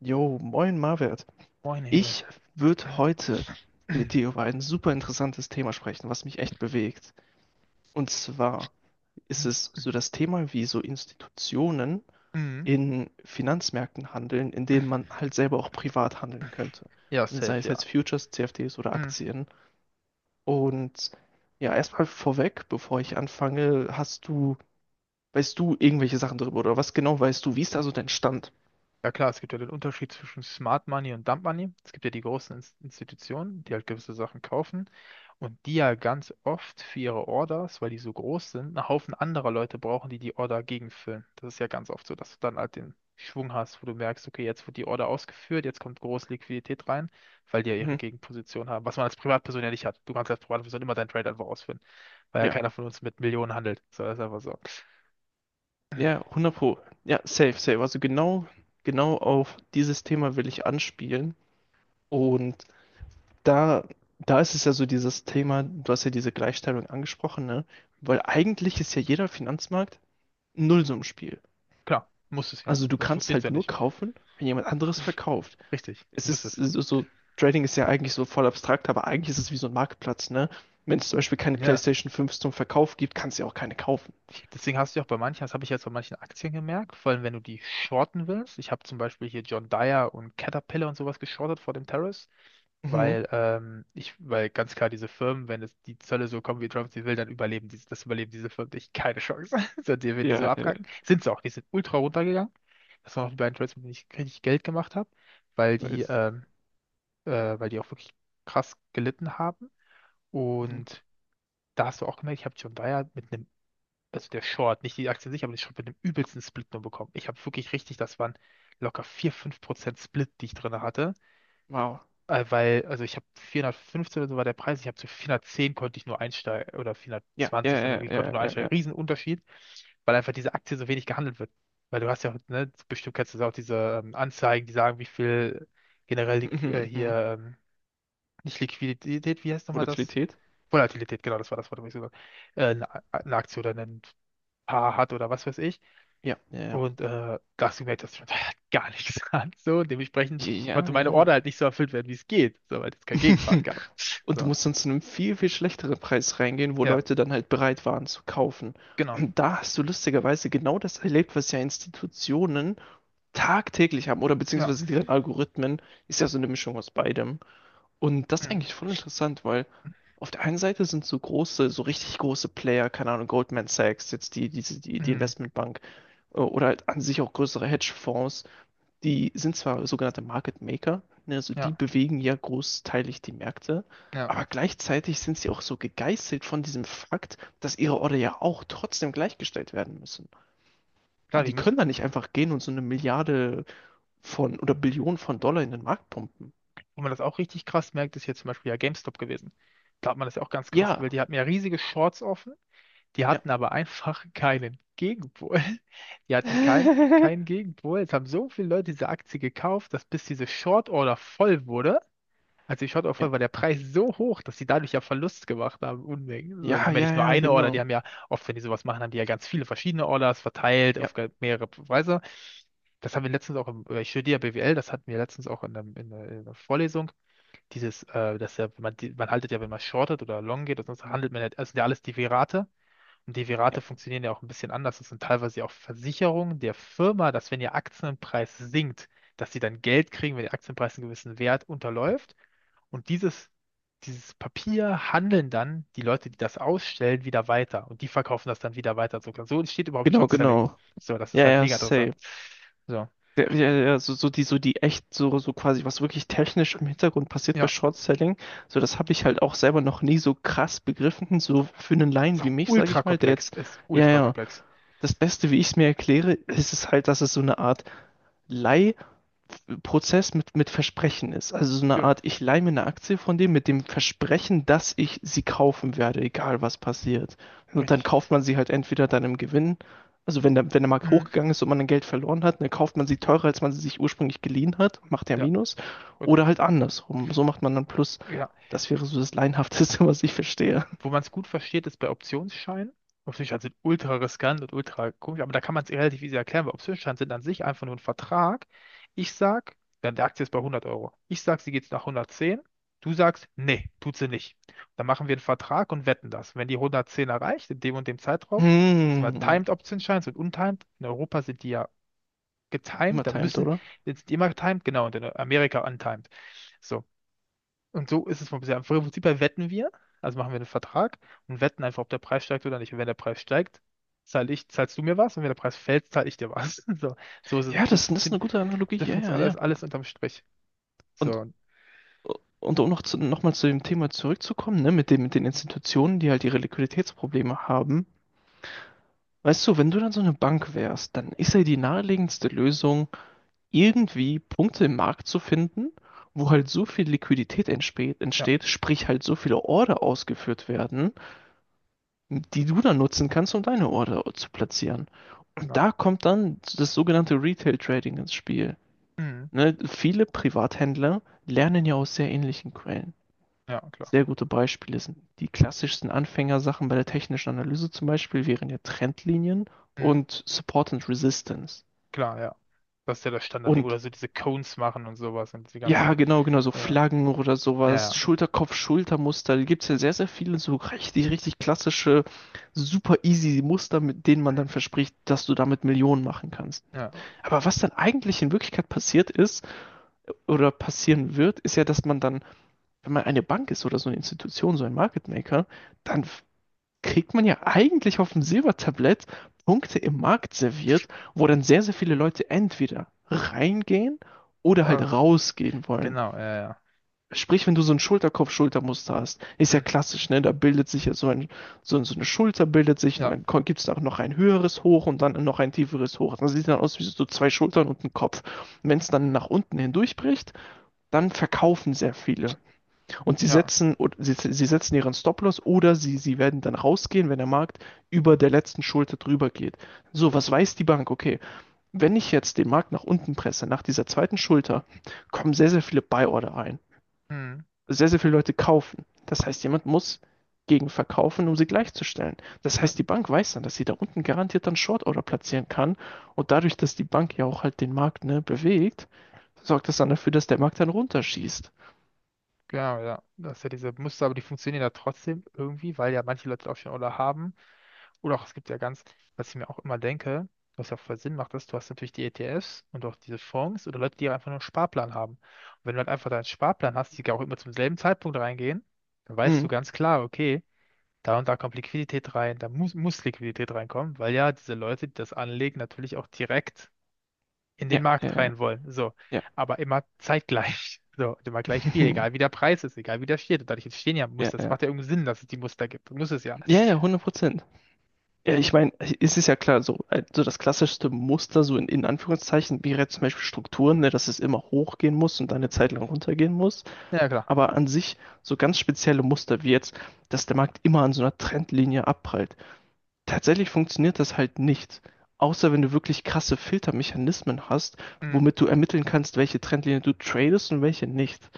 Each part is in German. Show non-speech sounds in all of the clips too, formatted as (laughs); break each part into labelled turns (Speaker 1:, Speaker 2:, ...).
Speaker 1: Jo, moin Marwert.
Speaker 2: Moin Emil.
Speaker 1: Ich würde heute mit dir
Speaker 2: (clears throat)
Speaker 1: über ein super interessantes Thema sprechen, was mich echt bewegt. Und zwar ist es so das Thema, wie so Institutionen
Speaker 2: Mhm.
Speaker 1: in Finanzmärkten handeln, in denen man halt selber auch privat handeln könnte.
Speaker 2: Ja,
Speaker 1: Ne, sei es
Speaker 2: safe, ja.
Speaker 1: jetzt Futures, CFDs oder
Speaker 2: Mhm.
Speaker 1: Aktien. Und ja, erstmal vorweg, bevor ich anfange, weißt du irgendwelche Sachen darüber oder was genau weißt du? Wie ist da so dein Stand?
Speaker 2: Ja klar, es gibt ja den Unterschied zwischen Smart Money und Dump Money. Es gibt ja die großen Institutionen, die halt gewisse Sachen kaufen und die ja ganz oft für ihre Orders, weil die so groß sind, einen Haufen anderer Leute brauchen, die die Order gegenfüllen. Das ist ja ganz oft so, dass du dann halt den Schwung hast, wo du merkst, okay, jetzt wird die Order ausgeführt, jetzt kommt große Liquidität rein, weil die ja ihre
Speaker 1: Mhm.
Speaker 2: Gegenposition haben, was man als Privatperson ja nicht hat. Du kannst als Privatperson immer deinen Trade einfach ausführen, weil ja
Speaker 1: Ja.
Speaker 2: keiner von uns mit Millionen handelt. So, das ist einfach so.
Speaker 1: Ja, 100 Pro. Ja, safe, safe. Also genau auf dieses Thema will ich anspielen. Und da, da ist es ja so dieses Thema, du hast ja diese Gleichstellung angesprochen, ne? Weil eigentlich ist ja jeder Finanzmarkt ein Nullsummenspiel.
Speaker 2: Klar, muss es ja.
Speaker 1: Also du
Speaker 2: Sonst
Speaker 1: kannst
Speaker 2: funktioniert es ja
Speaker 1: halt nur
Speaker 2: nicht.
Speaker 1: kaufen, wenn jemand anderes verkauft.
Speaker 2: Richtig,
Speaker 1: Es
Speaker 2: muss
Speaker 1: ist
Speaker 2: es.
Speaker 1: so, Trading ist ja eigentlich so voll abstrakt, aber eigentlich ist es wie so ein Marktplatz, ne? Wenn es zum Beispiel keine
Speaker 2: Ja.
Speaker 1: PlayStation 5 zum Verkauf gibt, kannst du ja auch keine kaufen.
Speaker 2: Deswegen hast du ja auch bei manchen, das habe ich jetzt bei manchen Aktien gemerkt, vor allem wenn du die shorten willst. Ich habe zum Beispiel hier John Deere und Caterpillar und sowas geschortet vor dem Terrace,
Speaker 1: Mhm.
Speaker 2: weil weil ganz klar diese Firmen, wenn es die Zölle so kommen, wie Trump sie will, dann das überleben diese Firmen nicht. Keine Chance. (laughs) So, die, wenn die so
Speaker 1: Ja,
Speaker 2: abkacken, sind sie auch. Die sind ultra runtergegangen. Das waren auch die beiden Trades, mit denen ich richtig Geld gemacht habe, weil
Speaker 1: nice.
Speaker 2: äh, weil die auch wirklich krass gelitten haben.
Speaker 1: Mhm.
Speaker 2: Und da hast du auch gemerkt, ich habe John Deere mit einem also der Short, nicht die Aktie sich, aber die Short mit dem übelsten Split nur bekommen. Ich habe wirklich richtig, das waren locker 4 5% Split, die ich drin hatte.
Speaker 1: Wow.
Speaker 2: Weil, also ich habe 415 oder so war der Preis, ich habe zu 410 konnte ich nur einsteigen, oder
Speaker 1: Ja, ja,
Speaker 2: 420 dann
Speaker 1: ja,
Speaker 2: irgendwie, konnte
Speaker 1: ja,
Speaker 2: nur
Speaker 1: ja,
Speaker 2: einsteigen.
Speaker 1: ja.
Speaker 2: Riesenunterschied, weil einfach diese Aktie so wenig gehandelt wird. Weil du hast ja, ne, bestimmt kennst du auch diese Anzeigen, die sagen, wie viel generell
Speaker 1: Mhm, mhm.
Speaker 2: nicht Liquidität, wie heißt nochmal das?
Speaker 1: Volatilität?
Speaker 2: Volatilität, genau, das war das Wort, was ich gesagt habe. Eine Aktie oder ein Paar hat oder was weiß ich.
Speaker 1: Ja, ja, ja.
Speaker 2: Und das gemerkt, das schmeckt halt (laughs) gar nichts an. So, und dementsprechend
Speaker 1: Ja,
Speaker 2: konnte meine
Speaker 1: ja, ja.
Speaker 2: Order halt nicht so erfüllt werden, wie es geht, so, weil es kein Gegenpart
Speaker 1: (laughs)
Speaker 2: gab.
Speaker 1: Und du
Speaker 2: So.
Speaker 1: musst dann zu einem viel, viel schlechteren Preis reingehen, wo
Speaker 2: Ja,
Speaker 1: Leute dann halt bereit waren zu kaufen.
Speaker 2: genau.
Speaker 1: Und da hast du lustigerweise genau das erlebt, was ja Institutionen tagtäglich haben oder
Speaker 2: Ja.
Speaker 1: beziehungsweise deren Algorithmen. Ist ja so eine Mischung aus beidem. Und das ist
Speaker 2: Mhm.
Speaker 1: eigentlich voll interessant, weil auf der einen Seite sind so große, so richtig große Player, keine Ahnung, Goldman Sachs, jetzt die, diese die, die
Speaker 2: Mhm.
Speaker 1: Investmentbank oder halt an sich auch größere Hedgefonds, die sind zwar sogenannte Market Maker, ne, also die
Speaker 2: Ja,
Speaker 1: bewegen ja großteilig die Märkte,
Speaker 2: ja.
Speaker 1: aber gleichzeitig sind sie auch so gegeißelt von diesem Fakt, dass ihre Order ja auch trotzdem gleichgestellt werden müssen. Die,
Speaker 2: Klar, die
Speaker 1: die
Speaker 2: müssen,
Speaker 1: können da nicht einfach gehen und so eine Milliarde von oder Billionen von Dollar in den Markt pumpen.
Speaker 2: wo man das auch richtig krass merkt, ist hier zum Beispiel ja GameStop gewesen. Da hat man das ja auch ganz krass
Speaker 1: Ja,
Speaker 2: gewählt. Die hatten ja riesige Shorts offen, die
Speaker 1: ja,
Speaker 2: hatten aber einfach keinen Gegenpol. (laughs) Die hatten keinen
Speaker 1: (laughs)
Speaker 2: Gegenpol. Es haben so viele Leute diese Aktie gekauft, dass bis diese Short-Order voll wurde, also ich hatte auch
Speaker 1: ja.
Speaker 2: voll, war der Preis so hoch, dass die dadurch ja Verlust gemacht haben, Unmengen. Also die
Speaker 1: Ja,
Speaker 2: haben ja
Speaker 1: ja,
Speaker 2: nicht nur
Speaker 1: ja,
Speaker 2: eine Order, die
Speaker 1: genau.
Speaker 2: haben ja oft, wenn die sowas machen, haben die ja ganz viele verschiedene Orders verteilt
Speaker 1: Ja,
Speaker 2: auf mehrere Weise. Das haben wir letztens auch im, ich studiere ja BWL, das hatten wir letztens auch in einer Vorlesung. Dass ja, wenn man, man haltet ja, wenn man shortet oder long geht, sonst handelt man ja, das sind ja alles Derivate. Und
Speaker 1: ja,
Speaker 2: Derivate funktionieren ja auch ein bisschen anders. Das sind teilweise ja auch Versicherungen der Firma, dass wenn ihr Aktienpreis sinkt, dass sie dann Geld kriegen, wenn der Aktienpreis einen gewissen Wert unterläuft. Und dieses Papier handeln dann die Leute, die das ausstellen, wieder weiter. Und die verkaufen das dann wieder weiter. So, so entsteht überhaupt
Speaker 1: genau,
Speaker 2: Short Selling.
Speaker 1: genau.
Speaker 2: So, das
Speaker 1: Ja,
Speaker 2: ist halt
Speaker 1: ja,
Speaker 2: mega
Speaker 1: safe.
Speaker 2: interessant. So,
Speaker 1: Ja, ja, so die, so die echt, so quasi, was wirklich technisch im Hintergrund passiert bei
Speaker 2: ja,
Speaker 1: Short-Selling, so das habe ich halt auch selber noch nie so krass begriffen, so für einen
Speaker 2: ist
Speaker 1: Laien wie
Speaker 2: auch
Speaker 1: mich, sage
Speaker 2: ultra
Speaker 1: ich mal, der
Speaker 2: komplex.
Speaker 1: jetzt,
Speaker 2: Ist
Speaker 1: ja,
Speaker 2: ultra
Speaker 1: ja,
Speaker 2: komplex.
Speaker 1: das Beste, wie ich es mir erkläre, ist es halt, dass es so eine Art Prozess mit Versprechen ist. Also so eine
Speaker 2: Ja,
Speaker 1: Art, ich leihe mir eine Aktie von dem mit dem Versprechen, dass ich sie kaufen werde, egal was passiert. Und dann
Speaker 2: richtig.
Speaker 1: kauft man sie halt entweder dann im Gewinn, also wenn der Markt
Speaker 2: Mhm.
Speaker 1: hochgegangen ist und man dann Geld verloren hat, dann kauft man sie teurer, als man sie sich ursprünglich geliehen hat, macht ja
Speaker 2: Ja,
Speaker 1: Minus.
Speaker 2: gut.
Speaker 1: Oder halt andersrum. So macht man dann Plus.
Speaker 2: Ja,
Speaker 1: Das wäre so das Laienhafteste, (laughs) was ich verstehe.
Speaker 2: wo man es gut versteht, ist bei Optionsscheinen. Optionsscheine sind ultra riskant und ultra komisch, aber da kann man es relativ easy erklären, weil Optionsscheine sind an sich einfach nur ein Vertrag. Ich sag, dann die Aktie ist bei 100 Euro. Ich sag, sie geht nach 110. Du sagst, nee, tut sie nicht. Dann machen wir einen Vertrag und wetten das. Wenn die 110 erreicht, in dem und dem Zeitraum, das sind wir
Speaker 1: Hm.
Speaker 2: Timed Optionsscheine und untimed. In Europa sind die ja
Speaker 1: Immer
Speaker 2: getimed, da
Speaker 1: timed,
Speaker 2: müssen,
Speaker 1: oder?
Speaker 2: sind die immer getimed, genau, und in Amerika untimed. So, und so ist es vom bisher. Im Prinzip her wetten wir, also machen wir einen Vertrag und wetten einfach, ob der Preis steigt oder nicht. Und wenn der Preis steigt, zahlst du mir was und wenn der Preis fällt, zahl ich dir was. (laughs) So, so ist es,
Speaker 1: Ja, das ist eine gute Analogie.
Speaker 2: so
Speaker 1: Ja, ja,
Speaker 2: funktioniert alles,
Speaker 1: ja.
Speaker 2: alles unterm Strich.
Speaker 1: Und
Speaker 2: So,
Speaker 1: Und um noch mal zu dem Thema zurückzukommen, ne, mit den Institutionen, die halt ihre Liquiditätsprobleme haben. Weißt du, wenn du dann so eine Bank wärst, dann ist ja die naheliegendste Lösung, irgendwie Punkte im Markt zu finden, wo halt so viel Liquidität entsteht,
Speaker 2: ja,
Speaker 1: entsteht, sprich halt so viele Order ausgeführt werden, die du dann nutzen kannst, um deine Order zu platzieren. Und
Speaker 2: genau.
Speaker 1: da kommt dann das sogenannte Retail Trading ins Spiel.
Speaker 2: Mhm.
Speaker 1: Ne, viele Privathändler lernen ja aus sehr ähnlichen Quellen.
Speaker 2: Ja, klar.
Speaker 1: Sehr gute Beispiele sind die klassischsten Anfängersachen bei der technischen Analyse, zum Beispiel wären ja Trendlinien
Speaker 2: Mhm.
Speaker 1: und Support and Resistance.
Speaker 2: Klar, ja. Das ist ja das Standardding.
Speaker 1: Und
Speaker 2: Oder so diese Cones machen und sowas und die
Speaker 1: ja,
Speaker 2: ganzen.
Speaker 1: genau, genau, so
Speaker 2: Ja,
Speaker 1: Flaggen oder sowas,
Speaker 2: ja,
Speaker 1: Schulterkopf-Schultermuster, da gibt es ja sehr, sehr viele so richtig, richtig klassische, super easy Muster, mit denen man dann verspricht, dass du damit Millionen machen kannst.
Speaker 2: ja. Ja.
Speaker 1: Aber was dann eigentlich in Wirklichkeit passiert ist oder passieren wird, ist ja, dass man dann, wenn man eine Bank ist oder so eine Institution, so ein Market Maker, dann f- kriegt man ja eigentlich auf dem Silbertablett Punkte im Markt serviert, wo dann sehr, sehr viele Leute entweder reingehen oder halt
Speaker 2: Ach,
Speaker 1: rausgehen wollen.
Speaker 2: genau, ja, ja.
Speaker 1: Sprich, wenn du so ein Schulterkopf-Schultermuster hast, ist ja
Speaker 2: Mhm.
Speaker 1: klassisch, ne? Da bildet sich ja so eine Schulter, bildet sich, und
Speaker 2: Ja,
Speaker 1: dann gibt es auch noch ein höheres Hoch und dann noch ein tieferes Hoch. Das sieht dann aus wie so zwei Schultern und ein Kopf. Wenn es dann nach unten hindurchbricht, dann verkaufen sehr viele. Und sie
Speaker 2: ja.
Speaker 1: setzen, sie, sie setzen ihren Stop-Loss oder sie werden dann rausgehen, wenn der Markt über der letzten Schulter drüber geht. So,
Speaker 2: Ich,
Speaker 1: was weiß die Bank? Okay, wenn ich jetzt den Markt nach unten presse, nach dieser zweiten Schulter, kommen sehr, sehr viele Buy-Order ein.
Speaker 2: mhm.
Speaker 1: Sehr, sehr viele Leute kaufen. Das heißt, jemand muss gegen verkaufen, um sie gleichzustellen. Das
Speaker 2: Ja.
Speaker 1: heißt, die Bank weiß dann, dass sie da unten garantiert dann Short-Order platzieren kann. Und dadurch, dass die Bank ja auch halt den Markt, ne, bewegt, sorgt das dann dafür, dass der Markt dann runterschießt.
Speaker 2: Genau, ja. Das ist ja diese Muster, aber die funktionieren ja trotzdem irgendwie, weil ja manche Leute auch schon Oller haben. Oder auch, es gibt ja ganz, was ich mir auch immer denke, was ja auch voll Sinn macht, ist, du hast natürlich die ETFs und auch diese Fonds oder Leute, die einfach nur einen Sparplan haben. Und wenn du halt einfach deinen Sparplan hast, die auch immer zum selben Zeitpunkt reingehen, dann weißt du
Speaker 1: Mhm.
Speaker 2: ganz klar, okay, da und da kommt Liquidität rein, muss Liquidität reinkommen, weil ja diese Leute, die das anlegen, natürlich auch direkt in
Speaker 1: Ja,
Speaker 2: den
Speaker 1: ja,
Speaker 2: Markt
Speaker 1: ja.
Speaker 2: rein wollen. So.
Speaker 1: Ja.
Speaker 2: Aber immer zeitgleich. (laughs) So, und immer gleich viel, egal wie
Speaker 1: (laughs)
Speaker 2: der Preis ist, egal wie der steht. Und dadurch entstehen ja
Speaker 1: Ja,
Speaker 2: Muster. Es
Speaker 1: ja.
Speaker 2: macht ja irgendeinen Sinn, dass es die Muster gibt. Muss es ja.
Speaker 1: Ja, ja, hundert Prozent. Ja, ich meine, es ist ja klar, so, so das klassischste Muster, so in Anführungszeichen, wäre jetzt zum Beispiel Strukturen, ne, dass es immer hochgehen muss und dann eine Zeit
Speaker 2: Mhm.
Speaker 1: lang runtergehen muss.
Speaker 2: Ja, klar.
Speaker 1: Aber an sich so ganz spezielle Muster wie jetzt, dass der Markt immer an so einer Trendlinie abprallt. Tatsächlich funktioniert das halt nicht, außer wenn du wirklich krasse Filtermechanismen hast,
Speaker 2: Mhm.
Speaker 1: womit du ermitteln kannst, welche Trendlinie du tradest und welche nicht.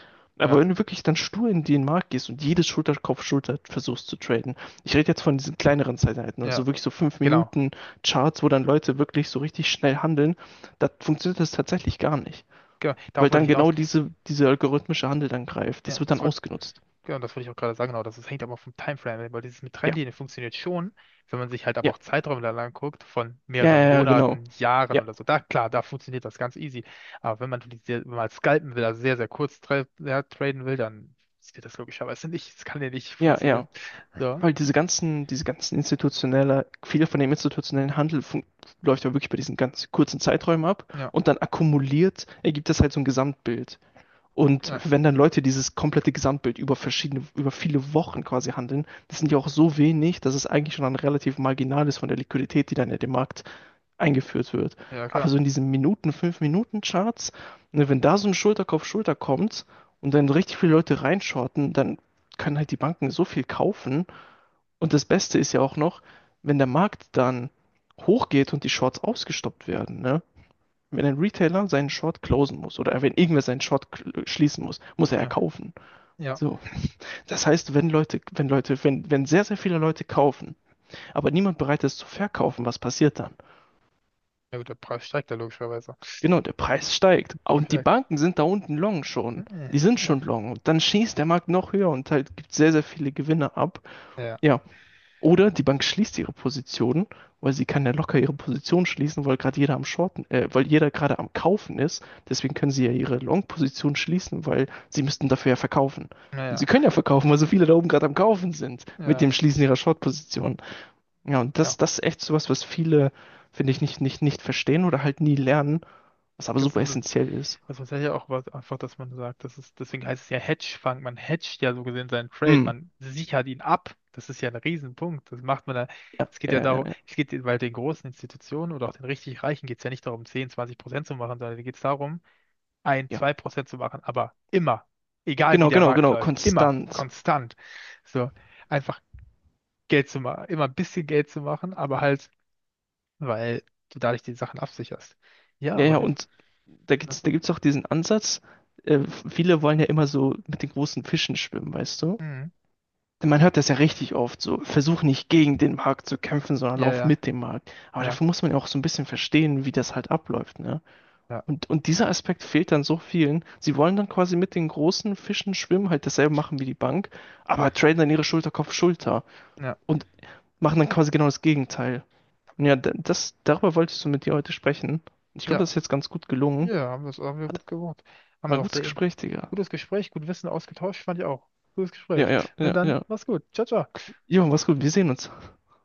Speaker 2: Ja,
Speaker 1: Aber wenn du wirklich dann stur in den Markt gehst und jedes Schulter-Kopf-Schulter versuchst zu traden, ich rede jetzt von diesen kleineren Zeiteinheiten,
Speaker 2: ja,
Speaker 1: also wirklich so 5
Speaker 2: genau.
Speaker 1: Minuten Charts, wo dann Leute wirklich so richtig schnell handeln, da funktioniert das tatsächlich gar nicht.
Speaker 2: Genau.
Speaker 1: Weil
Speaker 2: Darauf wollte
Speaker 1: dann
Speaker 2: ich hinaus.
Speaker 1: genau diese algorithmische Handel dann greift. Das
Speaker 2: Ja,
Speaker 1: wird dann
Speaker 2: das wollte
Speaker 1: ausgenutzt.
Speaker 2: Genau, das wollte ich auch gerade sagen, genau, das hängt aber vom Timeframe ab, weil dieses mit
Speaker 1: Ja,
Speaker 2: Trennlinie funktioniert schon, wenn man sich halt aber
Speaker 1: ja,
Speaker 2: auch Zeiträume da lang guckt, von
Speaker 1: ja,
Speaker 2: mehreren
Speaker 1: ja, ja, genau.
Speaker 2: Monaten, Jahren
Speaker 1: Ja,
Speaker 2: oder so, da, klar, da funktioniert das ganz easy, aber wenn man, wenn man halt scalpen will, also sehr, sehr kurz traden will, dann funktioniert das logischerweise nicht, das kann ja nicht
Speaker 1: ja, ja.
Speaker 2: funktionieren. So,
Speaker 1: Weil viel von dem institutionellen Handel läuft ja wirklich bei diesen ganz kurzen Zeiträumen ab
Speaker 2: ja,
Speaker 1: und dann akkumuliert ergibt das halt so ein Gesamtbild. Und
Speaker 2: ja,
Speaker 1: wenn dann Leute dieses komplette Gesamtbild über verschiedene, über viele Wochen quasi handeln, das sind ja auch so wenig, dass es eigentlich schon ein relativ marginal ist von der Liquidität, die dann in den Markt eingeführt wird.
Speaker 2: ja,
Speaker 1: Aber
Speaker 2: klar,
Speaker 1: so in diesen Minuten, fünf Minuten Charts, ne, wenn da so ein Schulterkopf Schulter kommt und dann richtig viele Leute reinschorten, dann können halt die Banken so viel kaufen, und das Beste ist ja auch noch, wenn der Markt dann hochgeht und die Shorts ausgestoppt werden, ne? Wenn ein Retailer seinen Short closen muss oder wenn irgendwer seinen schließen muss, muss er ja
Speaker 2: ja,
Speaker 1: kaufen.
Speaker 2: ja,
Speaker 1: So. Das heißt, wenn sehr, sehr viele Leute kaufen, aber niemand bereit ist zu verkaufen, was passiert dann?
Speaker 2: ja gut, der Preis steigt ja logischerweise.
Speaker 1: Genau, der Preis steigt.
Speaker 2: Aber
Speaker 1: Und die
Speaker 2: vielleicht,
Speaker 1: Banken sind da unten long schon. Die sind
Speaker 2: ja,
Speaker 1: schon long. Und dann schießt der Markt noch höher und halt gibt sehr, sehr viele Gewinne ab.
Speaker 2: ja,
Speaker 1: Ja, oder die Bank schließt ihre Positionen, weil sie kann ja locker ihre Position schließen, weil jeder gerade am Kaufen ist. Deswegen können sie ja ihre Long-Position schließen, weil sie müssten dafür ja verkaufen. Und sie
Speaker 2: naja,
Speaker 1: können ja verkaufen, weil so viele da oben gerade am Kaufen sind
Speaker 2: ja,
Speaker 1: mit
Speaker 2: ja,
Speaker 1: dem Schließen ihrer Short-Position. Ja, und
Speaker 2: ja,
Speaker 1: das ist echt sowas, was viele, finde ich, nicht verstehen oder halt nie lernen, was aber
Speaker 2: das
Speaker 1: super
Speaker 2: sind
Speaker 1: essentiell ist.
Speaker 2: also das ist ja auch was, einfach, dass man sagt, das ist, deswegen heißt es ja Hedgefonds. Man hedgt ja so gesehen seinen Trade,
Speaker 1: Hm.
Speaker 2: man sichert ihn ab. Das ist ja ein Riesenpunkt. Das macht man da.
Speaker 1: Ja,
Speaker 2: Es geht ja
Speaker 1: ja,
Speaker 2: darum,
Speaker 1: ja,
Speaker 2: weil den großen Institutionen oder auch den richtig Reichen geht es ja nicht darum, 10, 20% zu machen, sondern geht es darum, ein,
Speaker 1: ja.
Speaker 2: zwei Prozent zu machen, aber immer, egal wie
Speaker 1: Genau,
Speaker 2: der
Speaker 1: genau,
Speaker 2: Markt
Speaker 1: genau.
Speaker 2: läuft, immer,
Speaker 1: Konstant.
Speaker 2: konstant. So, einfach Geld zu machen, immer ein bisschen Geld zu machen, aber halt, weil du dadurch die Sachen absicherst. Ja,
Speaker 1: Ja,
Speaker 2: aber
Speaker 1: ja,
Speaker 2: auf jeden Fall.
Speaker 1: und da
Speaker 2: Ne?
Speaker 1: gibt's, da gibt's auch diesen Ansatz, äh, viele wollen ja immer so mit den großen Fischen schwimmen, weißt du?
Speaker 2: Mhm.
Speaker 1: Man hört das ja richtig oft, so versuch nicht gegen den Markt zu kämpfen, sondern
Speaker 2: Ja,
Speaker 1: lauf
Speaker 2: ja,
Speaker 1: mit dem Markt. Aber
Speaker 2: ja,
Speaker 1: dafür muss man ja auch so ein bisschen verstehen, wie das halt abläuft, ne?
Speaker 2: ja.
Speaker 1: Und dieser Aspekt fehlt dann so vielen. Sie wollen dann quasi mit den großen Fischen schwimmen, halt dasselbe machen wie die Bank, aber traden dann ihre Schulter Kopf Schulter
Speaker 2: Ja.
Speaker 1: und machen dann quasi genau das Gegenteil. Und ja, darüber wolltest du mit dir heute sprechen. Ich glaube,
Speaker 2: Ja,
Speaker 1: das ist jetzt ganz gut gelungen.
Speaker 2: ja, ja, haben wir
Speaker 1: Hat,
Speaker 2: gut gemacht. Haben
Speaker 1: War
Speaker 2: wir
Speaker 1: ein
Speaker 2: auch
Speaker 1: gutes
Speaker 2: sehr
Speaker 1: Gespräch, Digga.
Speaker 2: gutes Gespräch, gut Wissen ausgetauscht, fand ich auch. Gutes
Speaker 1: Ja,
Speaker 2: Gespräch.
Speaker 1: ja,
Speaker 2: Na
Speaker 1: ja,
Speaker 2: dann,
Speaker 1: ja.
Speaker 2: mach's gut. Ciao, ciao.
Speaker 1: Jo, mach's gut. Wir sehen uns.